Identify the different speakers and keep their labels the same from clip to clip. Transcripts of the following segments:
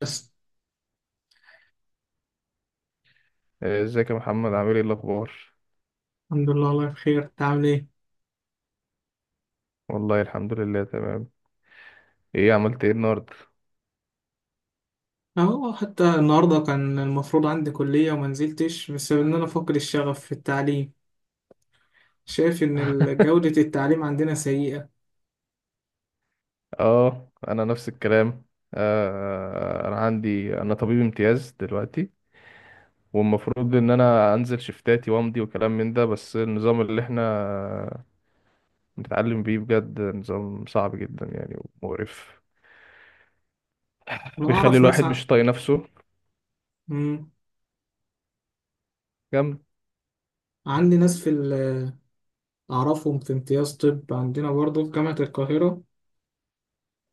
Speaker 1: بس.
Speaker 2: آه، ازيك يا محمد؟ عامل ايه الاخبار؟
Speaker 1: الحمد لله، والله بخير. انت عامل ايه؟
Speaker 2: والله الحمد لله تمام. عملت ايه النهارده؟
Speaker 1: اهو حتى النهارده كان المفروض عندي كلية وما نزلتش بسبب ان انا فاقد الشغف في التعليم. شايف ان جودة التعليم عندنا سيئة.
Speaker 2: اه، انا نفس الكلام. آه، انا طبيب امتياز دلوقتي، والمفروض ان انا انزل شفتاتي وامضي وكلام من ده، بس النظام اللي احنا بنتعلم بيه بجد نظام صعب جدا يعني، ومقرف،
Speaker 1: انا
Speaker 2: بيخلي
Speaker 1: اعرف ناس
Speaker 2: الواحد
Speaker 1: ع...
Speaker 2: مش طايق نفسه.
Speaker 1: مم.
Speaker 2: جامد.
Speaker 1: عندي ناس في ال... اعرفهم في امتياز طب عندنا برضه في جامعة القاهرة،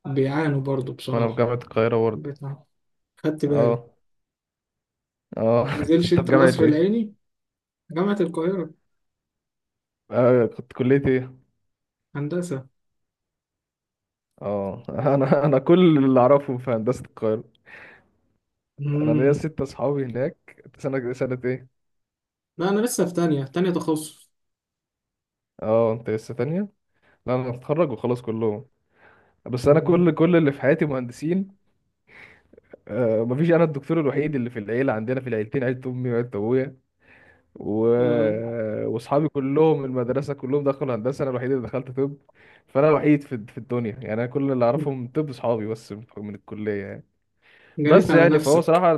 Speaker 1: بيعانوا برضه
Speaker 2: وانا في
Speaker 1: بصراحة.
Speaker 2: جامعة القاهرة برضه.
Speaker 1: بتاع. خدت بالي.
Speaker 2: اه، اه.
Speaker 1: نزلش
Speaker 2: انت في
Speaker 1: انت
Speaker 2: جامعة
Speaker 1: القصر
Speaker 2: ايه؟
Speaker 1: العيني؟ جامعة القاهرة.
Speaker 2: آه، كنت كلية ايه؟
Speaker 1: هندسة.
Speaker 2: اه. انا كل اللي اعرفهم في هندسه القاهره. انا ليا
Speaker 1: مم.
Speaker 2: ست اصحابي هناك. انت سنه ايه؟
Speaker 1: لا، انا لسه في تانية تخصص.
Speaker 2: اه، انت لسه تانية. لا انا هتخرج وخلاص. كلهم، بس انا
Speaker 1: مم.
Speaker 2: كل اللي في حياتي مهندسين. آه، مفيش، انا الدكتور الوحيد اللي في العيله عندنا، في العيلتين، عيله امي وعيله ابويا. و...
Speaker 1: آه.
Speaker 2: واصحابي كلهم من المدرسه كلهم دخلوا هندسه، انا الوحيد اللي دخلت طب. فانا الوحيد في الدنيا، يعني انا كل اللي اعرفهم طب اصحابي بس من الكليه يعني.
Speaker 1: جنيت
Speaker 2: بس
Speaker 1: على
Speaker 2: يعني فهو
Speaker 1: نفسك.
Speaker 2: صراحه،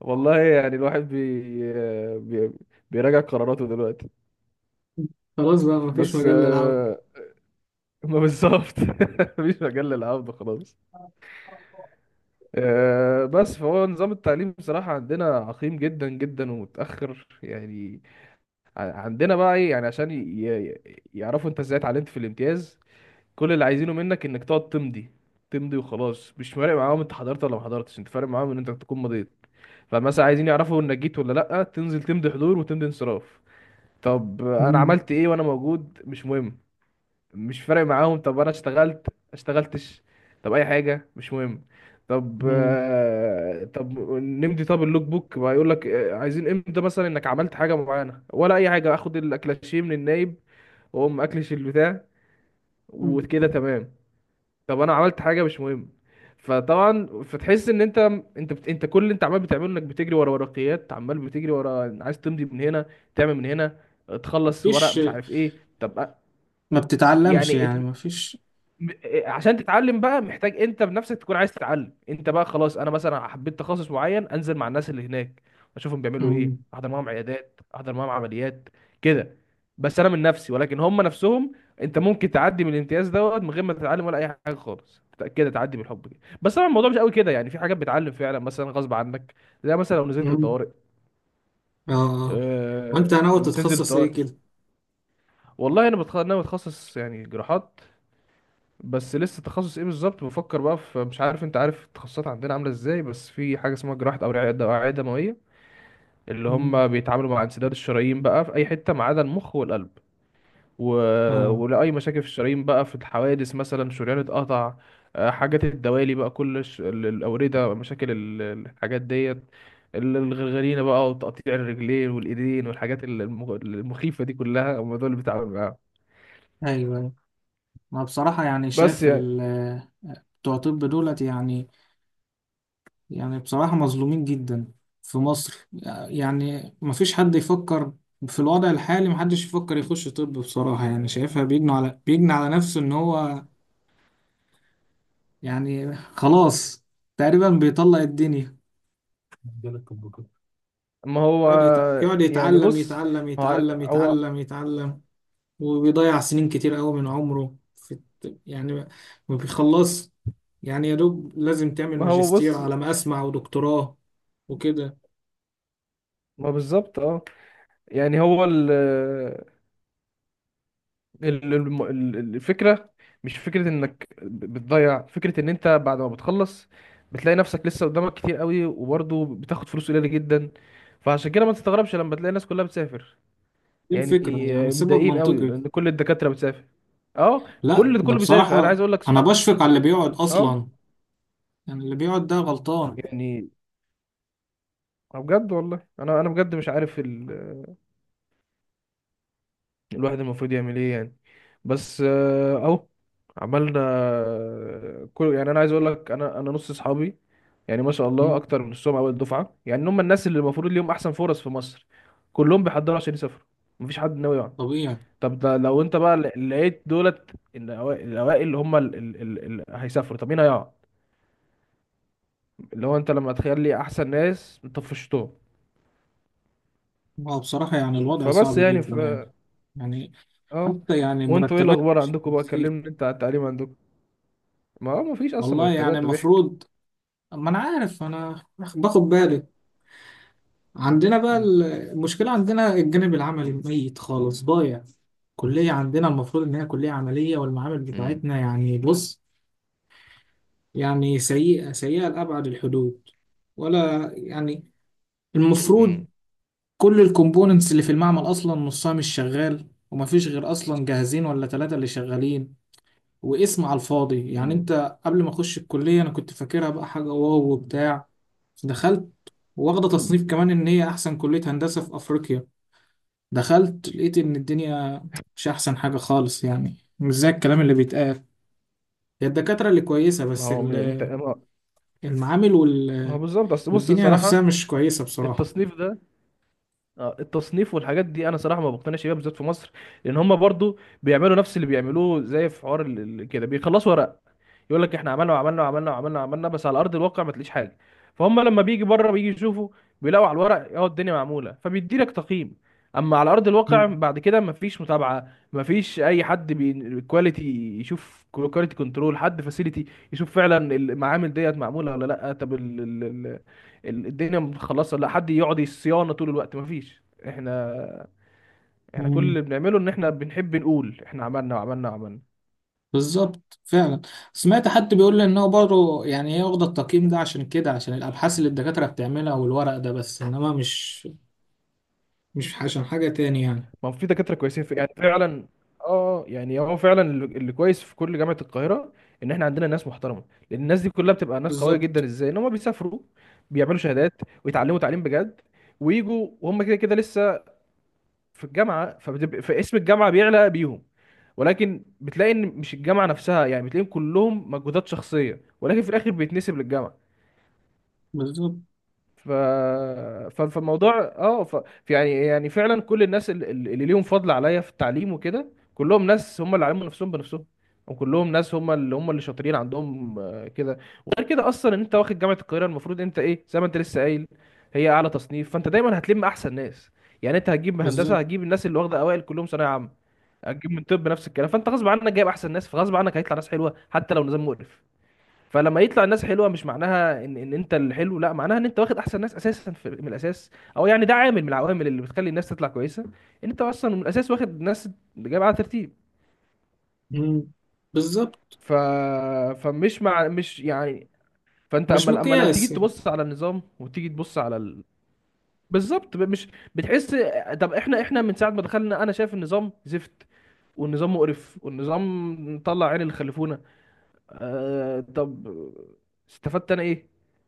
Speaker 2: والله يعني الواحد بيراجع قراراته دلوقتي.
Speaker 1: خلاص بقى، مفيش
Speaker 2: بس
Speaker 1: مجال للعب.
Speaker 2: آه، ما بالظبط. مفيش مجال للعبد خلاص. آه، بس فهو نظام التعليم بصراحة عندنا عقيم جدا جدا ومتأخر يعني. عندنا بقى ايه؟ يعني عشان يعرفوا انت ازاي اتعلمت في الامتياز، كل اللي عايزينه منك انك تقعد تمضي. تمضي وخلاص، مش فارق معاهم انت حضرت ولا ما حضرتش، انت فارق معاهم ان انت تكون مضيت. فمثلا عايزين يعرفوا انك جيت ولا لا، تنزل تمضي حضور وتمضي انصراف. طب انا
Speaker 1: مم.
Speaker 2: عملت ايه وانا موجود؟ مش مهم، مش فارق معاهم. طب انا اشتغلت اشتغلتش، طب اي حاجه، مش مهم. طب
Speaker 1: مم.
Speaker 2: آه، طب نمضي، طب اللوك بوك بقى يقول لك آه، عايزين امتى مثلا انك عملت حاجه معينه ولا اي حاجه، اخد الاكلاشيه من النايب، واقوم اكلش البتاع، وكده تمام. طب انا عملت حاجه، مش مهم. فطبعا فتحس ان انت، انت كل اللي انت عمال بتعمله انك بتجري ورا ورقيات، عمال بتجري ورا عايز تمضي من هنا، تعمل من هنا، تخلص ورق
Speaker 1: مفيش،
Speaker 2: مش عارف ايه. طب أ-
Speaker 1: ما بتتعلمش
Speaker 2: يعني
Speaker 1: يعني، مفيش.
Speaker 2: إيه، عشان تتعلم بقى محتاج انت بنفسك تكون عايز تتعلم انت بقى. خلاص انا مثلا حبيت تخصص معين، انزل مع الناس اللي هناك، اشوفهم بيعملوا ايه،
Speaker 1: مم.
Speaker 2: احضر معاهم عيادات، احضر معاهم عمليات، كده. بس انا من نفسي، ولكن هم نفسهم انت ممكن تعدي من الامتياز دوت من غير ما تتعلم ولا اي حاجه خالص، كده تعدي بالحب كده. بس طبعا الموضوع مش قوي كده، يعني في حاجات بتعلم فعلا مثلا غصب عنك، زي مثلا لو نزلت
Speaker 1: مم.
Speaker 2: الطوارئ.
Speaker 1: اه، آه. وانت ناوي
Speaker 2: لما بتنزل
Speaker 1: تتخصص ايه
Speaker 2: الطوارئ،
Speaker 1: كده؟
Speaker 2: والله انا انا بتخصص يعني جراحات، بس لسه تخصص ايه بالظبط بفكر بقى في، مش عارف انت عارف التخصصات عندنا عامله ازاي، بس في حاجه اسمها جراحه اوعيه، اوعيه دمويه، اللي
Speaker 1: مم.
Speaker 2: هم بيتعاملوا مع انسداد الشرايين بقى في اي حته ما عدا المخ والقلب. و...
Speaker 1: اه،
Speaker 2: ولاي مشاكل في الشرايين بقى، في الحوادث مثلا شريان اتقطع، آه، حاجات الدوالي بقى، الاورده، مشاكل الحاجات ديت، الغرغرينه بقى، وتقطيع الرجلين والايدين والحاجات المخيفه دي كلها، هم دول اللي بيتعاملوا معاهم.
Speaker 1: ايوه أيوة. ما بصراحة يعني
Speaker 2: بس
Speaker 1: شايف
Speaker 2: يعني،
Speaker 1: بتوع طب دولت يعني، يعني بصراحة مظلومين جدا في مصر. يعني ما فيش حد يفكر في الوضع الحالي، ما حدش يفكر يخش طب بصراحة. يعني شايفها بيجني على نفسه ان هو، يعني خلاص تقريبا بيطلق الدنيا، مجال الكمبيوتر.
Speaker 2: ما هو
Speaker 1: يقعد
Speaker 2: يعني،
Speaker 1: يتعلم
Speaker 2: بص،
Speaker 1: يتعلم
Speaker 2: هو
Speaker 1: يتعلم
Speaker 2: هو
Speaker 1: يتعلم يتعلم، وبيضيع سنين كتير قوي من عمره في يعني ما بيخلص. يعني يا دوب لازم تعمل
Speaker 2: ما هو
Speaker 1: ماجستير
Speaker 2: بص
Speaker 1: على ما أسمع ودكتوراه وكده.
Speaker 2: ما بالظبط، اه، يعني هو الفكرة مش فكرة انك بتضيع، فكرة ان انت بعد ما بتخلص بتلاقي نفسك لسه قدامك كتير قوي، وبرضه بتاخد فلوس قليلة جدا. فعشان كده ما تستغربش لما تلاقي الناس كلها بتسافر،
Speaker 1: دي
Speaker 2: يعني
Speaker 1: الفكرة، يعني سبب
Speaker 2: متضايقين قوي
Speaker 1: منطقي.
Speaker 2: لان كل الدكاترة بتسافر. اه،
Speaker 1: لا، ده
Speaker 2: كله بيسافر، انا عايز
Speaker 1: بصراحة
Speaker 2: اقول لك
Speaker 1: أنا
Speaker 2: صح،
Speaker 1: بشفق على اللي بيقعد
Speaker 2: اه
Speaker 1: أصلا. يعني اللي بيقعد ده غلطان.
Speaker 2: يعني. آه بجد، والله انا، انا بجد مش عارف الواحد المفروض يعمل ايه يعني. بس آه، اهو عملنا آه، كل، يعني انا عايز اقول لك، انا نص اصحابي يعني ما شاء الله،
Speaker 1: مم.
Speaker 2: اكتر من نصهم اول دفعه، يعني هم الناس اللي المفروض ليهم احسن فرص في مصر، كلهم بيحضروا عشان يسافروا، مفيش حد ناوي يقعد.
Speaker 1: طبيعي.
Speaker 2: طب ده لو انت بقى لقيت دولت الاوائل اللي هم اللي هيسافروا، طب مين هيقعد؟ اللي هو انت لما تخلي احسن ناس طفشتهم.
Speaker 1: هو بصراحة يعني الوضع
Speaker 2: فبس
Speaker 1: صعب
Speaker 2: يعني ف
Speaker 1: جدا يعني، يعني
Speaker 2: اه.
Speaker 1: حتى يعني
Speaker 2: وانتوا ايه
Speaker 1: مرتبات
Speaker 2: الاخبار
Speaker 1: مش
Speaker 2: عندكم بقى؟
Speaker 1: بتزيد.
Speaker 2: كلمني انت على التعليم عندكم. ما هو مفيش اصلا
Speaker 1: والله يعني
Speaker 2: مرتبات، ده ضحك.
Speaker 1: المفروض، ما انا عارف، انا باخد بالي. عندنا بقى
Speaker 2: مم.
Speaker 1: المشكله عندنا الجانب العملي ميت خالص ضايع. كليه عندنا المفروض ان هي كليه عمليه، والمعامل
Speaker 2: امم.
Speaker 1: بتاعتنا يعني بص، يعني سيئه سيئه لابعد الحدود. ولا يعني المفروض
Speaker 2: امم.
Speaker 1: كل الكومبوننتس اللي في المعمل اصلا نصها مش شغال، ومفيش غير اصلا جاهزين ولا ثلاثه اللي شغالين، واسم على الفاضي. يعني
Speaker 2: مم.
Speaker 1: انت قبل ما اخش الكلية انا كنت فاكرها بقى حاجة واو وبتاع. دخلت واخدة
Speaker 2: مم.
Speaker 1: تصنيف كمان ان هي احسن كلية هندسة في افريقيا. دخلت لقيت ان الدنيا مش احسن حاجة خالص، يعني مش زي الكلام اللي بيتقال. هي الدكاترة اللي كويسة،
Speaker 2: ما
Speaker 1: بس
Speaker 2: هو من انت ما
Speaker 1: المعامل
Speaker 2: ما هو بالظبط، اصل بص
Speaker 1: والدنيا نفسها
Speaker 2: صراحه،
Speaker 1: مش كويسة بصراحة.
Speaker 2: التصنيف ده، آه، التصنيف والحاجات دي انا صراحه ما بقتنعش بيها بالذات في مصر، لان هم برضو بيعملوا نفس اللي بيعملوه، زي في حوار كده بيخلصوا ورق، يقول لك احنا عملنا وعملنا وعملنا وعملنا وعملنا، بس على ارض الواقع ما تلاقيش حاجه. فهم لما بيجي بره بيجي يشوفوا، بيلاقوا على الورق اه الدنيا معموله، فبيدي لك تقييم. اما على ارض الواقع
Speaker 1: مم.
Speaker 2: بعد كده ما فيش متابعه، ما فيش اي حد كواليتي يشوف، كواليتي كنترول، حد فاسيلتي يشوف فعلا المعامل ديت معموله ولا لا، طب الدنيا متخلصه ولا لا، حد يقعد الصيانه طول الوقت، ما فيش. احنا، كل
Speaker 1: مم.
Speaker 2: اللي بنعمله ان احنا بنحب نقول احنا عملنا وعملنا وعملنا.
Speaker 1: بالظبط فعلا. سمعت حد بيقول لي ان هو برضه، يعني هي واخده التقييم ده عشان كده، عشان الابحاث اللي الدكاتره بتعملها والورق ده، بس انما مش عشان حاجة تاني يعني.
Speaker 2: ما هو في دكاترة كويسين في، يعني فعلا، اه، آه، يعني هو فعلا اللي كويس في كل جامعة القاهرة ان احنا عندنا ناس محترمة، لان الناس دي كلها بتبقى ناس قوية جدا
Speaker 1: بالظبط.
Speaker 2: ازاي ان هم بيسافروا، بيعملوا شهادات ويتعلموا تعليم بجد، ويجوا وهم كده كده لسه في الجامعة، فبتبقى فاسم الجامعة بيعلى بيهم، ولكن بتلاقي ان مش الجامعة نفسها، يعني بتلاقيهم كلهم مجهودات شخصية، ولكن في الاخر بيتنسب للجامعة.
Speaker 1: بالظبط.
Speaker 2: ف... فالموضوع اه يعني، فعلا كل الناس اللي ليهم فضل عليا في التعليم وكده كلهم ناس هم اللي علموا نفسهم بنفسهم، وكلهم ناس هم اللي شاطرين عندهم آه، كده. وغير كده اصلا ان انت واخد جامعه القاهره، المفروض انت ايه زي ما انت لسه قايل، هي اعلى تصنيف، فانت دايما هتلم احسن ناس، يعني انت هتجيب هندسه
Speaker 1: بالظبط.
Speaker 2: هتجيب الناس اللي واخده اوائل كلهم ثانويه عامه، هتجيب من طب نفس الكلام، فانت غصب عنك جايب احسن ناس، فغصب عنك هيطلع ناس حلوه حتى لو نظام مقرف. فلما يطلع الناس حلوه مش معناها ان انت الحلو، لا معناها ان انت واخد احسن ناس اساسا في، من الاساس. او يعني ده عامل من العوامل اللي بتخلي الناس تطلع كويسه، ان انت اصلا من الاساس واخد ناس جايبه على ترتيب.
Speaker 1: مم. بالظبط.
Speaker 2: ف فمش مع مش يعني فانت
Speaker 1: مش
Speaker 2: اما لو تيجي
Speaker 1: مقياس يعني.
Speaker 2: تبص على النظام وتيجي تبص على بالظبط، مش بتحس. طب احنا، احنا من ساعه ما دخلنا انا شايف النظام زفت، والنظام مقرف، والنظام طلع عين اللي خلفونا. آه طب استفدت انا ايه؟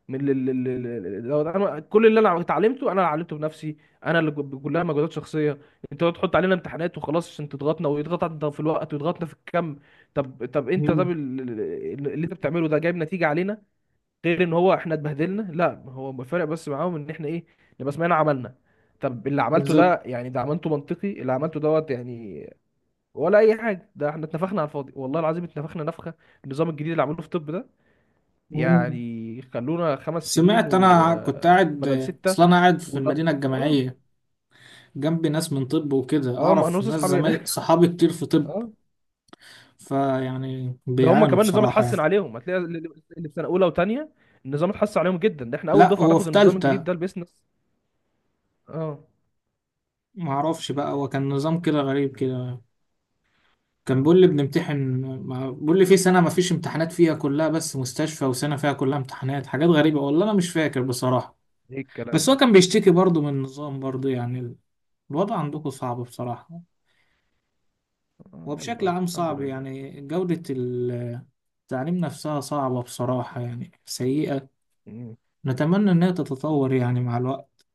Speaker 2: من لو انا كل اللي انا اتعلمته انا اللي علمته بنفسي، انا اللي كلها مجهودات شخصيه. انتوا تحط علينا امتحانات وخلاص عشان تضغطنا ويضغط انت في الوقت ويضغطنا في الكم. طب طب انت طب
Speaker 1: مم.
Speaker 2: ال- ال- ال- اللي انت بتعمله ده جايب نتيجه علينا غير ان هو احنا اتبهدلنا؟ لا هو الفرق بس معاهم ان احنا ايه، نبقى سمعنا عملنا. طب اللي عملته
Speaker 1: بالظبط.
Speaker 2: ده يعني ده عملته منطقي اللي عملته دوت يعني، ولا اي حاجه؟ ده احنا اتنفخنا على الفاضي، والله العظيم اتنفخنا نفخه. النظام الجديد اللي عملوه في الطب ده،
Speaker 1: مم.
Speaker 2: يعني خلونا 5 سنين
Speaker 1: سمعت، أنا كنت قاعد،
Speaker 2: وبدل 6.
Speaker 1: أصل أنا قاعد في
Speaker 2: وده
Speaker 1: المدينة
Speaker 2: اه
Speaker 1: الجامعية، جنبي ناس من طب وكده.
Speaker 2: اه، ما انا
Speaker 1: أعرف
Speaker 2: نص
Speaker 1: ناس
Speaker 2: اصحابي هنا.
Speaker 1: زمايل صحابي كتير في طب،
Speaker 2: اه،
Speaker 1: فيعني
Speaker 2: ده هم
Speaker 1: بيعانوا
Speaker 2: كمان نظام
Speaker 1: بصراحة يعني.
Speaker 2: اتحسن عليهم، هتلاقي اللي في سنه اولى وثانيه النظام اتحسن عليهم جدا، ده احنا اول
Speaker 1: لا،
Speaker 2: دفعه
Speaker 1: هو
Speaker 2: ناخد
Speaker 1: في
Speaker 2: النظام الجديد
Speaker 1: تالتة.
Speaker 2: ده البيزنس. اه.
Speaker 1: معرفش بقى، هو كان نظام كده غريب كده. كان بيقول لي بنمتحن، ما بيقول لي في سنة ما فيش امتحانات فيها كلها بس مستشفى، وسنة فيها كلها امتحانات. حاجات غريبة والله، أنا مش فاكر بصراحة.
Speaker 2: ايه الكلام
Speaker 1: بس هو
Speaker 2: ده؟
Speaker 1: كان بيشتكي برضه من النظام برضه. يعني الوضع عندكم صعب بصراحة،
Speaker 2: آه،
Speaker 1: وبشكل
Speaker 2: يلا
Speaker 1: عام
Speaker 2: الحمد
Speaker 1: صعب.
Speaker 2: لله.
Speaker 1: يعني جودة التعليم نفسها صعبة بصراحة يعني سيئة.
Speaker 2: مم.
Speaker 1: نتمنى إنها تتطور يعني مع الوقت.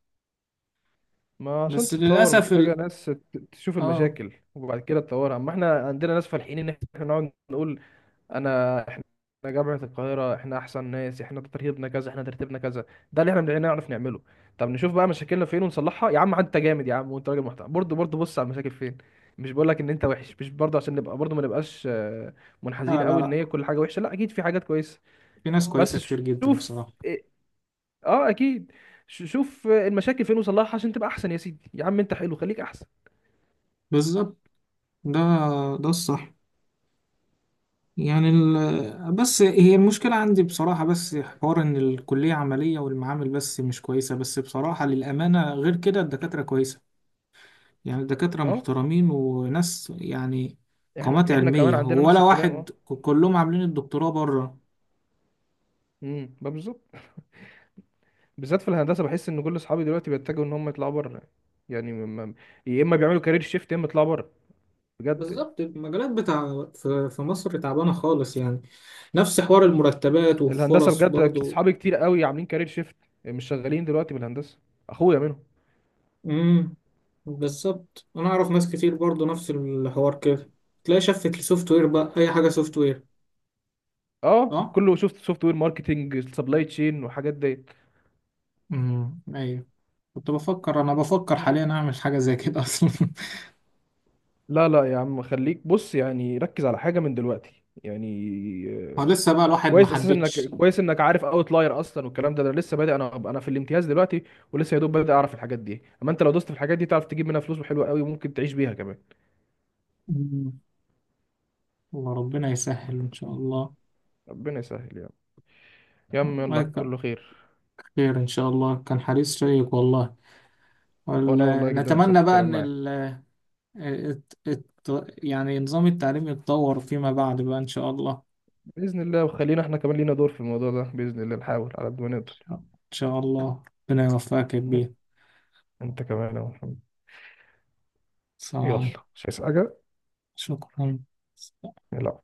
Speaker 2: ما عشان
Speaker 1: بس
Speaker 2: تتطور
Speaker 1: للأسف
Speaker 2: محتاجه ناس تشوف
Speaker 1: آه.
Speaker 2: المشاكل وبعد كده تطورها، اما احنا عندنا ناس فالحين ان احنا نقعد نقول احنا جامعه القاهره، احنا احسن ناس، احنا ترتيبنا كذا، احنا ترتيبنا كذا، ده اللي احنا بنعرف نعمله. طب نشوف بقى مشاكلنا فين ونصلحها يا عم، انت جامد يا عم وانت راجل محترم برضه، برضه بص على المشاكل فين. مش بقول لك ان انت وحش، مش برضه عشان نبقى برضه ما نبقاش آه،
Speaker 1: لا
Speaker 2: منحازين
Speaker 1: لا
Speaker 2: قوي ان
Speaker 1: لا،
Speaker 2: هي كل حاجه وحشه، لا اكيد في حاجات كويسه.
Speaker 1: في ناس
Speaker 2: بس
Speaker 1: كويسة كتير جدا
Speaker 2: شوف
Speaker 1: بصراحة.
Speaker 2: إيه- اه اكيد. شوف آه، المشاكل فين وصلحها عشان تبقى احسن يا سيدي، يا عم انت حلو خليك احسن.
Speaker 1: بالظبط. ده ده الصح. يعني بس هي المشكلة عندي بصراحة، بس حوار إن الكلية عملية والمعامل بس مش كويسة، بس بصراحة للأمانة غير كده الدكاترة كويسة. يعني الدكاترة
Speaker 2: اه،
Speaker 1: محترمين وناس، يعني قامات
Speaker 2: احنا كمان
Speaker 1: علمية،
Speaker 2: عندنا نفس
Speaker 1: ولا
Speaker 2: الكلام،
Speaker 1: واحد
Speaker 2: اه.
Speaker 1: كلهم عاملين الدكتوراه بره.
Speaker 2: امم، بالظبط. بالذات في الهندسه بحس ان كل اصحابي دلوقتي بيتجهوا ان هم يطلعوا بره، يعني يا اما بيعملوا كارير شيفت يا اما يطلعوا بره بجد.
Speaker 1: بالظبط المجالات بتاع في مصر تعبانة خالص يعني، نفس حوار المرتبات
Speaker 2: الهندسه
Speaker 1: والفرص
Speaker 2: بجد،
Speaker 1: برضو.
Speaker 2: اصحابي كتير قوي عاملين كارير شيفت، مش شغالين دلوقتي بالهندسه، اخويا منهم.
Speaker 1: امم، بالظبط. أنا أعرف ناس كتير برضو نفس الحوار كده. تلاقي شفت السوفت وير بقى، أي حاجة سوفت وير.
Speaker 2: اه،
Speaker 1: اه.
Speaker 2: كله شفت سوفت وير، ماركتنج، سبلاي تشين وحاجات ديت.
Speaker 1: امم، ايوه. كنت بفكر، انا بفكر حاليا اعمل حاجه زي كده اصلا
Speaker 2: لا لا يا عم، خليك بص يعني ركز على حاجه من دلوقتي يعني.
Speaker 1: هو
Speaker 2: آه،
Speaker 1: لسه بقى، الواحد ما
Speaker 2: كويس اساسا انك،
Speaker 1: حددش.
Speaker 2: كويس انك عارف اوت لاير اصلا والكلام ده، انا لسه بادئ، انا في الامتياز دلوقتي، ولسه يا دوب بادئ اعرف الحاجات دي، اما انت لو دوست في الحاجات دي تعرف تجيب منها فلوس حلوه قوي، وممكن تعيش بيها كمان.
Speaker 1: أمم، والله ربنا يسهل ان شاء الله.
Speaker 2: ربنا يسهل يا عم، يا عم يلا
Speaker 1: والله ك-
Speaker 2: كله خير.
Speaker 1: خير ان شاء الله. كان حديث شيق والله.
Speaker 2: وانا والله
Speaker 1: وال-
Speaker 2: جدا انبسطت
Speaker 1: نتمنى بقى
Speaker 2: الكلام
Speaker 1: ان
Speaker 2: معاك.
Speaker 1: يعني نظام التعليم يتطور فيما بعد بقى ان شاء الله.
Speaker 2: باذن الله، وخلينا احنا كمان لينا دور في الموضوع ده باذن الله، نحاول على قد ما نقدر.
Speaker 1: ان شاء الله. ربنا يوفقك يا كبير.
Speaker 2: انت كمان يا محمد. يلا،
Speaker 1: صحيح.
Speaker 2: مش عايز حاجه.
Speaker 1: شكرا.
Speaker 2: يلا.